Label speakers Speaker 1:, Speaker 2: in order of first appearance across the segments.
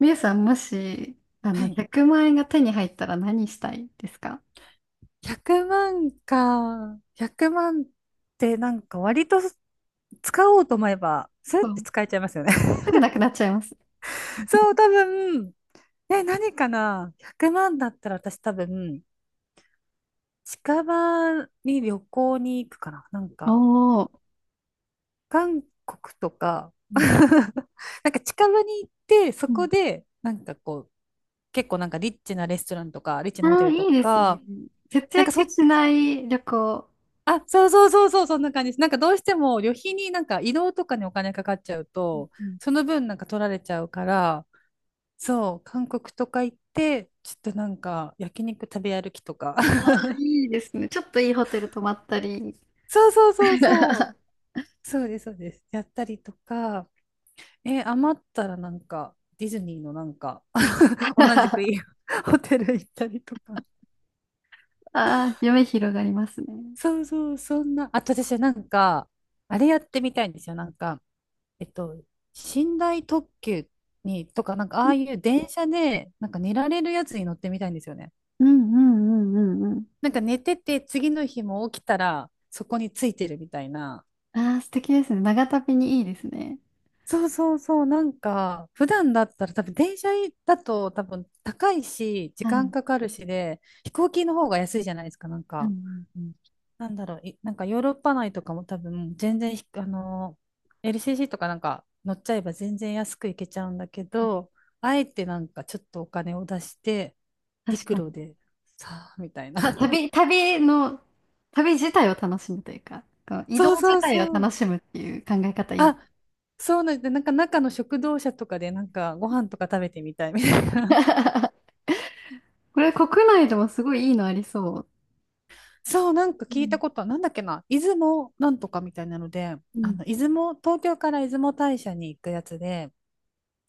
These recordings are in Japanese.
Speaker 1: みゆさん、もし、
Speaker 2: はい。
Speaker 1: 100万円が手に入ったら何したいですか？
Speaker 2: 100万か。100万って割と使おうと思えば、ス
Speaker 1: そ
Speaker 2: ッて
Speaker 1: う。
Speaker 2: 使えちゃいますよね。
Speaker 1: すぐなくなっちゃいます。
Speaker 2: そう、多分、え、何かな？ 100 万だったら私多分、近場に旅行に行くかな
Speaker 1: おー。
Speaker 2: 韓国とか。
Speaker 1: う ん
Speaker 2: 近場に行って、そ
Speaker 1: うん。
Speaker 2: こで、結構リッチなレストランとか、リッチ
Speaker 1: あ
Speaker 2: なホテ
Speaker 1: ー、
Speaker 2: ルと
Speaker 1: いいですね。
Speaker 2: か、
Speaker 1: 節
Speaker 2: なんかそっ
Speaker 1: 約
Speaker 2: ち
Speaker 1: しない旅行。
Speaker 2: あ、そうそうそうそう、そんな感じです。どうしても旅費に移動とかにお金かかっちゃう
Speaker 1: う
Speaker 2: と、
Speaker 1: ん。
Speaker 2: その分取られちゃうから、そう、韓国とか行って、ちょっと焼肉食べ歩きとか。
Speaker 1: あー、いいですね。ちょっといいホテル泊まったり。
Speaker 2: そうそうそうそう。そうです、そうです。やったりとか、え、余ったらディズニーの同じくいい ホテル行ったりとか。
Speaker 1: あー、夢広がりますね。
Speaker 2: そうそう、そんな。あと私あれやってみたいんですよ。えっと、寝台特急に、とか、ああいう電車で、寝られるやつに乗ってみたいんですよね。
Speaker 1: うんうんうんうんうん。
Speaker 2: 寝てて、次の日も起きたら、そこについてるみたいな。
Speaker 1: あー、素敵ですね。長旅にいいですね。
Speaker 2: そうそうそう、普段だったら多分電車だと多分高いし、時
Speaker 1: はい。う
Speaker 2: 間
Speaker 1: ん
Speaker 2: かかるしで、飛行機の方が安いじゃないですか、
Speaker 1: うんうん。
Speaker 2: なんだろう、ヨーロッパ内とかも多分全然LCC とか乗っちゃえば全然安く行けちゃうんだけど、あえてちょっとお金を出して、
Speaker 1: 確
Speaker 2: 陸
Speaker 1: か
Speaker 2: 路
Speaker 1: に。
Speaker 2: でみたいな。
Speaker 1: た 旅、旅の、旅自体を楽しむというか、この移
Speaker 2: そう
Speaker 1: 動自
Speaker 2: そう
Speaker 1: 体を
Speaker 2: そ
Speaker 1: 楽
Speaker 2: う。
Speaker 1: しむっていう考え方いい。
Speaker 2: あ、そうなんで、中の食堂車とかでご飯とか食べてみたいみたいな。
Speaker 1: これ国内でもすごいいいのありそう。
Speaker 2: そう、
Speaker 1: う
Speaker 2: 聞い
Speaker 1: ん。
Speaker 2: たことは、なんだっけな、出雲なんとかみたいなので、
Speaker 1: うん。
Speaker 2: 出雲、東京から出雲大社に行くやつで、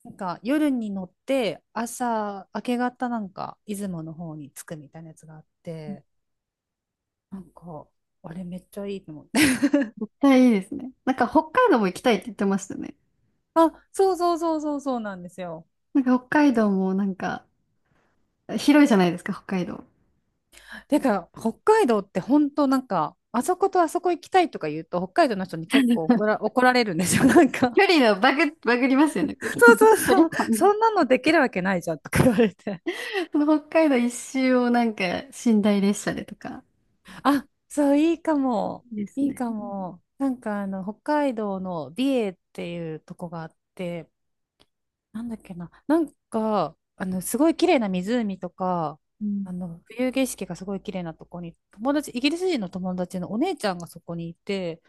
Speaker 2: 夜に乗って朝明け方出雲の方に着くみたいなやつがあって、なんかあれめっちゃいいと思って。
Speaker 1: 絶対いいですね。なんか北海道も行きたいって言ってましたね。
Speaker 2: あ、そうそうそうそうそうなんですよ。
Speaker 1: なんか北海道もなんか広いじゃないですか、北海道。
Speaker 2: てか北海道って本当あそことあそこ行きたいとか言うと北海道の人に結構怒られるんですよ。
Speaker 1: 距離のバグ、バグりますよね、距離
Speaker 2: そ う
Speaker 1: 距
Speaker 2: そう
Speaker 1: 離
Speaker 2: そう、
Speaker 1: 感。
Speaker 2: そんなのできるわけないじゃんとか言われて、
Speaker 1: その北海道一周をなんか寝台列車でとか。
Speaker 2: あ、そういいかも。
Speaker 1: いいです
Speaker 2: いい
Speaker 1: ね。
Speaker 2: かも。北海道の美瑛っていうとこがあって、なんだっけな、なんか、あの、すごい綺麗な湖とか、
Speaker 1: うん。
Speaker 2: 冬景色がすごい綺麗なとこに、友達、イギリス人の友達のお姉ちゃんがそこにいて、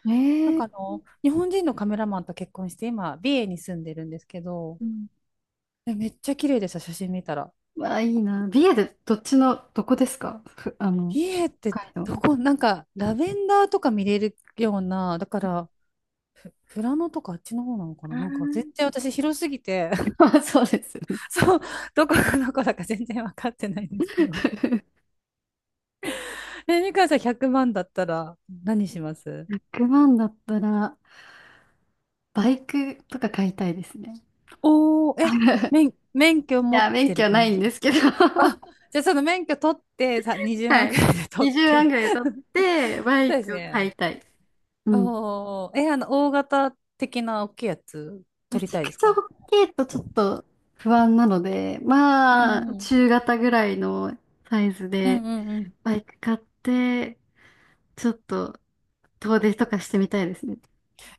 Speaker 1: ええ。
Speaker 2: 日本人のカメラマンと結婚して、今、美瑛に住んでるんですけど、でめっちゃ綺麗でした、写真見たら。
Speaker 1: わあ、いいな。美瑛でどっちの、どこですか？ふ、あの、
Speaker 2: 美瑛って
Speaker 1: 北海道。
Speaker 2: どこ、なんか、ラベンダーとか見れるような、だから、富良野とかあっちの方なのか
Speaker 1: あ
Speaker 2: な
Speaker 1: ー
Speaker 2: 絶対私広すぎて、
Speaker 1: あ、そうですよね。
Speaker 2: そう、どこがどこだか全然分かってないんですけど。え、みかんさん100万だったら何します？
Speaker 1: 100万だったら、バイクとか買いたいですね。
Speaker 2: おー、え、
Speaker 1: い
Speaker 2: 免許持
Speaker 1: や、
Speaker 2: っ
Speaker 1: 免
Speaker 2: てる
Speaker 1: 許な
Speaker 2: 感
Speaker 1: い
Speaker 2: じ
Speaker 1: ん
Speaker 2: です
Speaker 1: で
Speaker 2: か？
Speaker 1: すけど
Speaker 2: あ、じゃあその免許取ってさ、20万
Speaker 1: は
Speaker 2: ぐ
Speaker 1: い。
Speaker 2: らいで取っ
Speaker 1: 20万
Speaker 2: て。
Speaker 1: ぐらい取って、バ
Speaker 2: そう
Speaker 1: イ
Speaker 2: です
Speaker 1: クを
Speaker 2: ね。
Speaker 1: 買いたい。うん。
Speaker 2: おー、え、あの、大型的な大きいやつ
Speaker 1: め
Speaker 2: 取り
Speaker 1: ちゃ
Speaker 2: たいで
Speaker 1: く
Speaker 2: す
Speaker 1: ちゃ
Speaker 2: か？
Speaker 1: 大きいとちょっと不安なので、
Speaker 2: う
Speaker 1: ま
Speaker 2: ん
Speaker 1: あ、
Speaker 2: うん
Speaker 1: 中型ぐらいのサイズ
Speaker 2: う
Speaker 1: で、
Speaker 2: んうんうん。
Speaker 1: バイク買って、ちょっと遠出とかしてみたいですね。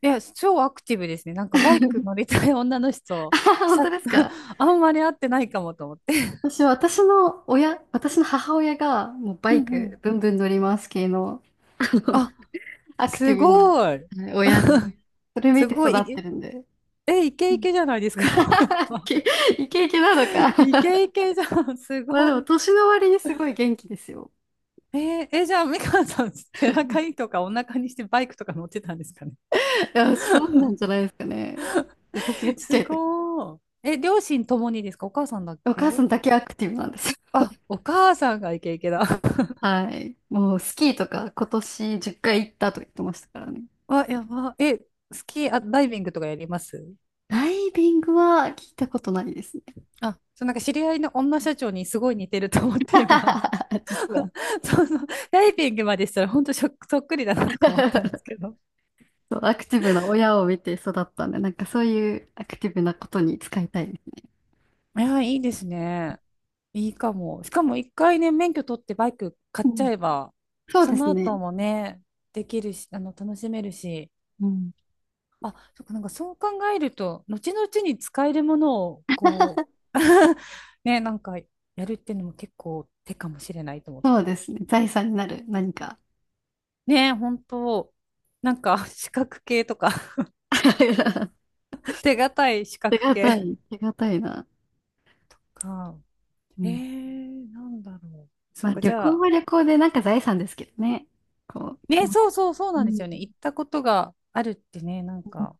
Speaker 2: いや、超アクティブですね。バイク乗りたい女の
Speaker 1: あ
Speaker 2: 人、
Speaker 1: はは、本
Speaker 2: さ、
Speaker 1: 当ですか？
Speaker 2: あんまり会ってないかもと思って。
Speaker 1: 私は私の母親がもうバ
Speaker 2: うん
Speaker 1: イ
Speaker 2: う
Speaker 1: ク
Speaker 2: ん。
Speaker 1: ブンブン乗ります系の、あの
Speaker 2: あ、
Speaker 1: アクテ
Speaker 2: す
Speaker 1: ィブな
Speaker 2: ごい。
Speaker 1: はい親で、それ見
Speaker 2: す
Speaker 1: て
Speaker 2: ご
Speaker 1: 育って
Speaker 2: い。
Speaker 1: るんで。
Speaker 2: え、イケ
Speaker 1: う
Speaker 2: イ
Speaker 1: ん。
Speaker 2: ケじゃないです か。
Speaker 1: イケ イケ。イケなのか。
Speaker 2: イケ イケじゃん、す
Speaker 1: まあで
Speaker 2: ご
Speaker 1: も
Speaker 2: い。
Speaker 1: 年の割にすごい元気ですよ。
Speaker 2: えーえ、じゃあ、美川さん、背中にとかお腹にしてバイクとか乗ってたんですかね。
Speaker 1: いや、そうなんじゃないですかね。私がちっちゃ
Speaker 2: す
Speaker 1: い時。
Speaker 2: ごい。え、両親ともにですか？お母さんだっ
Speaker 1: お母さ
Speaker 2: け？
Speaker 1: んだけアクティブなんです。
Speaker 2: あ、お母さんがイケイケだ。
Speaker 1: はい。もうスキーとか今年10回行ったと言ってましたからね。
Speaker 2: あ、やば。え、スキー、あ、ダイビングとかやります？
Speaker 1: ダイビングは聞いたことないですね。
Speaker 2: あ、そう、知り合いの女社長にすごい似てると思って今、
Speaker 1: 実は。
Speaker 2: そうそう、ダイビングまでしたら本当そっそっくりだなとか思ったんですけ ど。
Speaker 1: そうアクティブな親を見て育ったんで、なんかそういうアクティブなことに使いたいです。
Speaker 2: いや、いいですね。いいかも。しかも一回ね、免許取ってバイク買
Speaker 1: う
Speaker 2: っち
Speaker 1: ん。
Speaker 2: ゃえば、
Speaker 1: そう
Speaker 2: そ
Speaker 1: です
Speaker 2: の
Speaker 1: ね。
Speaker 2: 後もね、できるし、あの、楽しめるし。
Speaker 1: うん。
Speaker 2: あ、そっか、そう考えると、後々に使えるものを、こう、ね、やるっていうのも結構手かもしれないと思っ
Speaker 1: そう
Speaker 2: て。
Speaker 1: ですね。財産になる何か。
Speaker 2: ね、本当資格系とか。 手堅い資
Speaker 1: 手
Speaker 2: 格
Speaker 1: 堅
Speaker 2: 系
Speaker 1: い、手堅いな。
Speaker 2: か。
Speaker 1: う
Speaker 2: え
Speaker 1: ん。
Speaker 2: ー、なんだろう。そ
Speaker 1: ま
Speaker 2: っ
Speaker 1: あ
Speaker 2: か、じ
Speaker 1: 旅
Speaker 2: ゃ
Speaker 1: 行
Speaker 2: あ、
Speaker 1: は旅行でなんか財産ですけどね。こう、き
Speaker 2: ね、そうそうそう
Speaker 1: う
Speaker 2: なんで
Speaker 1: ん。
Speaker 2: すよね。行ったことがあるってね、なんか、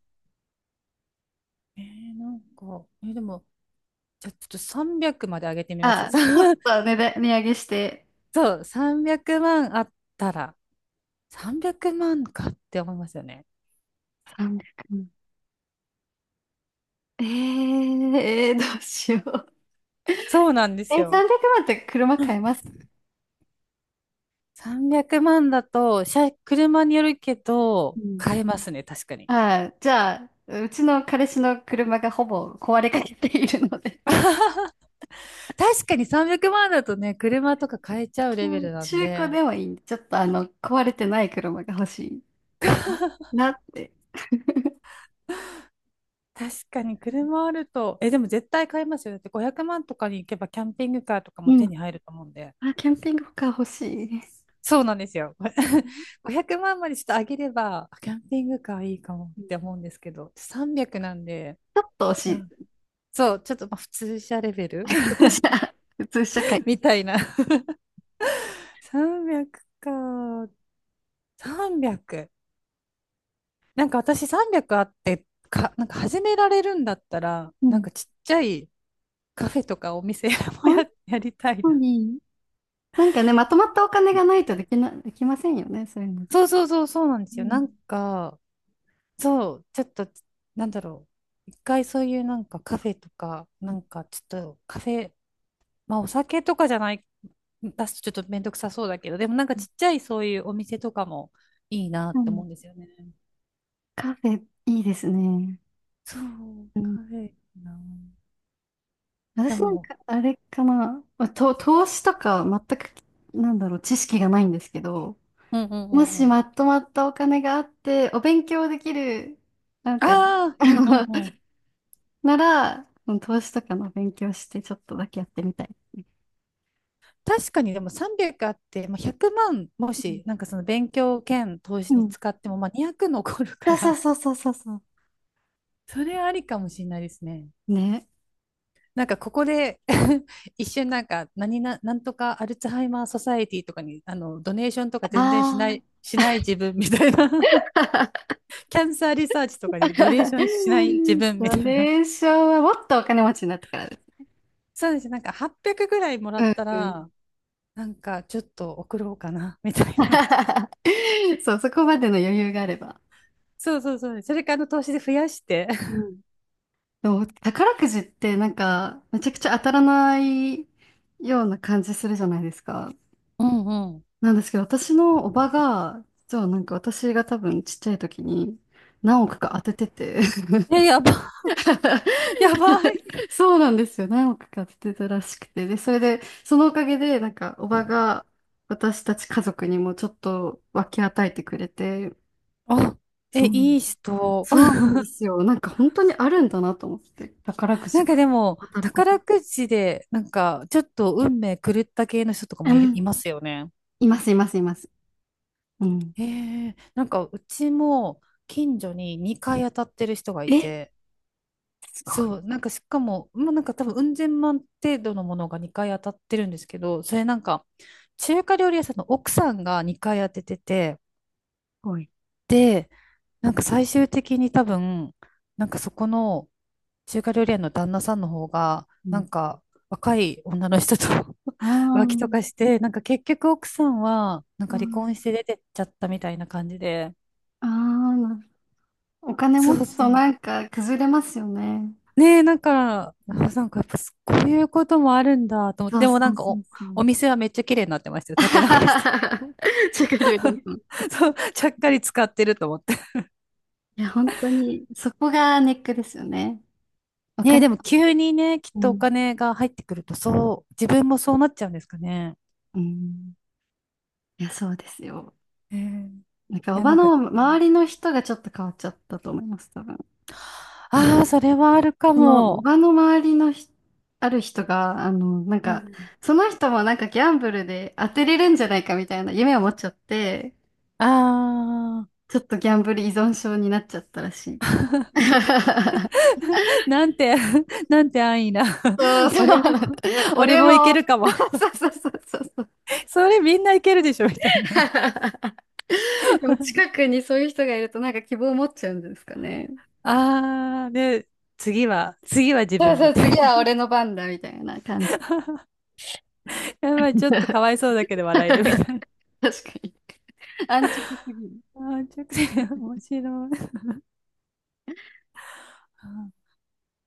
Speaker 2: えー、なんか、えーでも、じゃあちょっと300まで上げてみます。
Speaker 1: あ、ちょっ と値段、値上げして。
Speaker 2: そう、300万あったら、300万かって思いますよね。
Speaker 1: 300。うん。どうしよう。
Speaker 2: そうなんで
Speaker 1: え、
Speaker 2: すよ。
Speaker 1: 300万って車買えます
Speaker 2: 300万だと、車によるけ
Speaker 1: う
Speaker 2: ど、
Speaker 1: ん。
Speaker 2: 買えますね、確かに。
Speaker 1: ああ、じゃあ、うちの彼氏の車がほぼ壊れかけているので、
Speaker 2: 確かに300万だとね、車とか買えちゃう
Speaker 1: う
Speaker 2: レベ
Speaker 1: ん、
Speaker 2: ルなん
Speaker 1: 中古
Speaker 2: で、
Speaker 1: でもいいんで、ちょっと壊れてない車が欲しいなって。
Speaker 2: 確かに車あると、え、でも絶対買いますよね。だって500万とかに行けばキャンピングカーとか
Speaker 1: う
Speaker 2: も手
Speaker 1: ん。
Speaker 2: に入ると思うんで。
Speaker 1: あ、キャンピングカー欲しいです。
Speaker 2: そうなんですよ。
Speaker 1: う ん。
Speaker 2: 500万でちょっと上げれば、あキャンピングカーいいかもって思うんですけど、300なんで、
Speaker 1: ちょっと惜し
Speaker 2: まあ、
Speaker 1: い。
Speaker 2: そう、ちょっとまあ普通車レベ ル
Speaker 1: 普通。普通社会。
Speaker 2: みたいな。300か、300。私300あってか、始められるんだったら、
Speaker 1: うん。
Speaker 2: ちっちゃいカフェとかお店 も
Speaker 1: 確
Speaker 2: やりたい
Speaker 1: か
Speaker 2: な。
Speaker 1: に。なんかね、まとまったお金がないとできませんよね、そういうの。
Speaker 2: そうそうそうそうなんで
Speaker 1: う
Speaker 2: すよ。
Speaker 1: ん。
Speaker 2: そう、ちょっと、なんだろう。一回そういうカフェとか、ちょっとカフェ、まあお酒とかじゃない、出すとちょっとめんどくさそうだけど、でもちっちゃいそういうお店とかもいいな
Speaker 1: う
Speaker 2: って
Speaker 1: ん。
Speaker 2: 思うんですよね。
Speaker 1: カフェ、いいですね。
Speaker 2: そう、
Speaker 1: うん。
Speaker 2: カフェな。で
Speaker 1: 私なん
Speaker 2: も、
Speaker 1: か、あれかな、まあ、と、投資とか全く、なんだろう、知識がないんですけど、
Speaker 2: うんうんう
Speaker 1: も
Speaker 2: んう
Speaker 1: し
Speaker 2: ん。
Speaker 1: まとまったお金があって、お勉強できる、なん
Speaker 2: あ
Speaker 1: か、
Speaker 2: あ、
Speaker 1: あ
Speaker 2: うんうん
Speaker 1: の
Speaker 2: うん。
Speaker 1: なら、うん、投資とかの勉強して、ちょっとだけやってみたいですね。
Speaker 2: 確かにでも300あって、まあ、100万もし、
Speaker 1: う
Speaker 2: その勉強兼投
Speaker 1: ん。
Speaker 2: 資
Speaker 1: う
Speaker 2: に
Speaker 1: ん。
Speaker 2: 使っても、まあ200残る
Speaker 1: そ
Speaker 2: か
Speaker 1: う
Speaker 2: ら、
Speaker 1: そうそうそうそうそ
Speaker 2: それありかもしれないですね。
Speaker 1: う。ね。
Speaker 2: なんかここで 一瞬なんか何な、なんとかアルツハイマーソサエティとかにあのドネーションとか全然し
Speaker 1: あ
Speaker 2: ない、
Speaker 1: あ。
Speaker 2: しない自分みたいな。 キャンサーリサーチとかにドネーションしない自分み
Speaker 1: ド
Speaker 2: たいな。
Speaker 1: ネーションはもっとお金持ちになってからです。
Speaker 2: そうですね、なんか800ぐらいもら
Speaker 1: う
Speaker 2: っ
Speaker 1: ん
Speaker 2: た
Speaker 1: うん。
Speaker 2: らなんかちょっと送ろうかなみたいな。
Speaker 1: そう、そこまでの余裕があれば。
Speaker 2: そうそうそう。それからあの投資で増やして。
Speaker 1: うん。そう、宝くじってなんか、めちゃくちゃ当たらないような感じするじゃないですか。
Speaker 2: うんう
Speaker 1: なんですけど、私のおばが、実はなんか私が多分ちっちゃい時に何億か当ててて
Speaker 2: ん。え、やば、やば い。
Speaker 1: そうなんですよ。何億か当ててたらしくて。で、それで、そのおかげで、なんかおばが私たち家族にもちょっと分け与えてくれて、
Speaker 2: あ、え、
Speaker 1: そう、
Speaker 2: いい人。
Speaker 1: そうなんですよ。なんか本当にあるんだなと思って、宝く
Speaker 2: なん
Speaker 1: じ
Speaker 2: か
Speaker 1: が
Speaker 2: でも、
Speaker 1: 当たること。
Speaker 2: 宝くじで、なんか、ちょっと運命狂った系の人とかもいますよね。
Speaker 1: います、います、います。うん。
Speaker 2: ええ、なんか、うちも、近所に2回当たってる人がい
Speaker 1: え、
Speaker 2: て、
Speaker 1: すごい。す
Speaker 2: そう、なんか、しかも、まあ、なんか多分、うん千万程度のものが2回当たってるんですけど、それなんか、中華料理屋さんの奥さんが2回当ててて、
Speaker 1: ごい。
Speaker 2: で、なんか最終的に多分、なんかそこの中華料理屋の旦那さんの方が、
Speaker 1: う
Speaker 2: な
Speaker 1: ん。
Speaker 2: んか若い女の人と
Speaker 1: あ
Speaker 2: 浮気とかし
Speaker 1: ー。
Speaker 2: て、なんか結局奥さんは、なんか
Speaker 1: あ
Speaker 2: 離婚して出てっちゃったみたいな感じで。
Speaker 1: あ。なお金持
Speaker 2: そう
Speaker 1: つ
Speaker 2: そ
Speaker 1: と
Speaker 2: う。
Speaker 1: なんか崩れますよね。
Speaker 2: ねえ、なんか、あ、
Speaker 1: うん。
Speaker 2: なんかやっぱこういうこともあるんだと思って、
Speaker 1: そう
Speaker 2: でもな
Speaker 1: そ
Speaker 2: ん
Speaker 1: う
Speaker 2: か
Speaker 1: そうそ
Speaker 2: お
Speaker 1: う。
Speaker 2: 店はめっちゃ綺麗になってましたよ。建て直して。
Speaker 1: 食料品。うん。
Speaker 2: そう、ちゃっかり使ってると思って。
Speaker 1: いや、本当に、そこがネックですよね。お
Speaker 2: ねえ、
Speaker 1: 金、
Speaker 2: でも急にね、きっ
Speaker 1: う
Speaker 2: とお
Speaker 1: ん。
Speaker 2: 金が入ってくると、そう、自分もそうなっちゃうんですかね。
Speaker 1: うん。いや、そうですよ。
Speaker 2: ええ、
Speaker 1: なんか、
Speaker 2: い
Speaker 1: お
Speaker 2: や、
Speaker 1: ば
Speaker 2: なんか、
Speaker 1: の周りの人がちょっと変わっちゃったと思います、多分。
Speaker 2: ああ、それはあるか
Speaker 1: その
Speaker 2: も。
Speaker 1: 場の周りのひある人が、
Speaker 2: うん、
Speaker 1: その人もなんかギャンブルで当てれるんじゃないかみたいな夢を持っちゃって、
Speaker 2: ああ、
Speaker 1: ちょっとギャンブル依存症になっちゃったらしい。
Speaker 2: なんて、なんて安易な。
Speaker 1: そう、そう
Speaker 2: 俺
Speaker 1: な
Speaker 2: も、
Speaker 1: んだ。
Speaker 2: 俺
Speaker 1: 俺
Speaker 2: もいけ
Speaker 1: も、
Speaker 2: る かも。
Speaker 1: そうそうそうそうそう。
Speaker 2: それみんないけるでしょ、みたいな。
Speaker 1: でも近 くにそういう人がいるとなんか希望を持っちゃうんですかね。
Speaker 2: ああ、で、次は、次は自
Speaker 1: そう
Speaker 2: 分
Speaker 1: そ
Speaker 2: み
Speaker 1: う、
Speaker 2: たい
Speaker 1: 次
Speaker 2: な。
Speaker 1: は俺の番だみたいな感じ。
Speaker 2: やばい、ち ょっとかわいそうだけど
Speaker 1: 確
Speaker 2: 笑えるみ
Speaker 1: か
Speaker 2: たいな。
Speaker 1: に。安直すぎる。
Speaker 2: ああ、めちゃくちゃ面白い。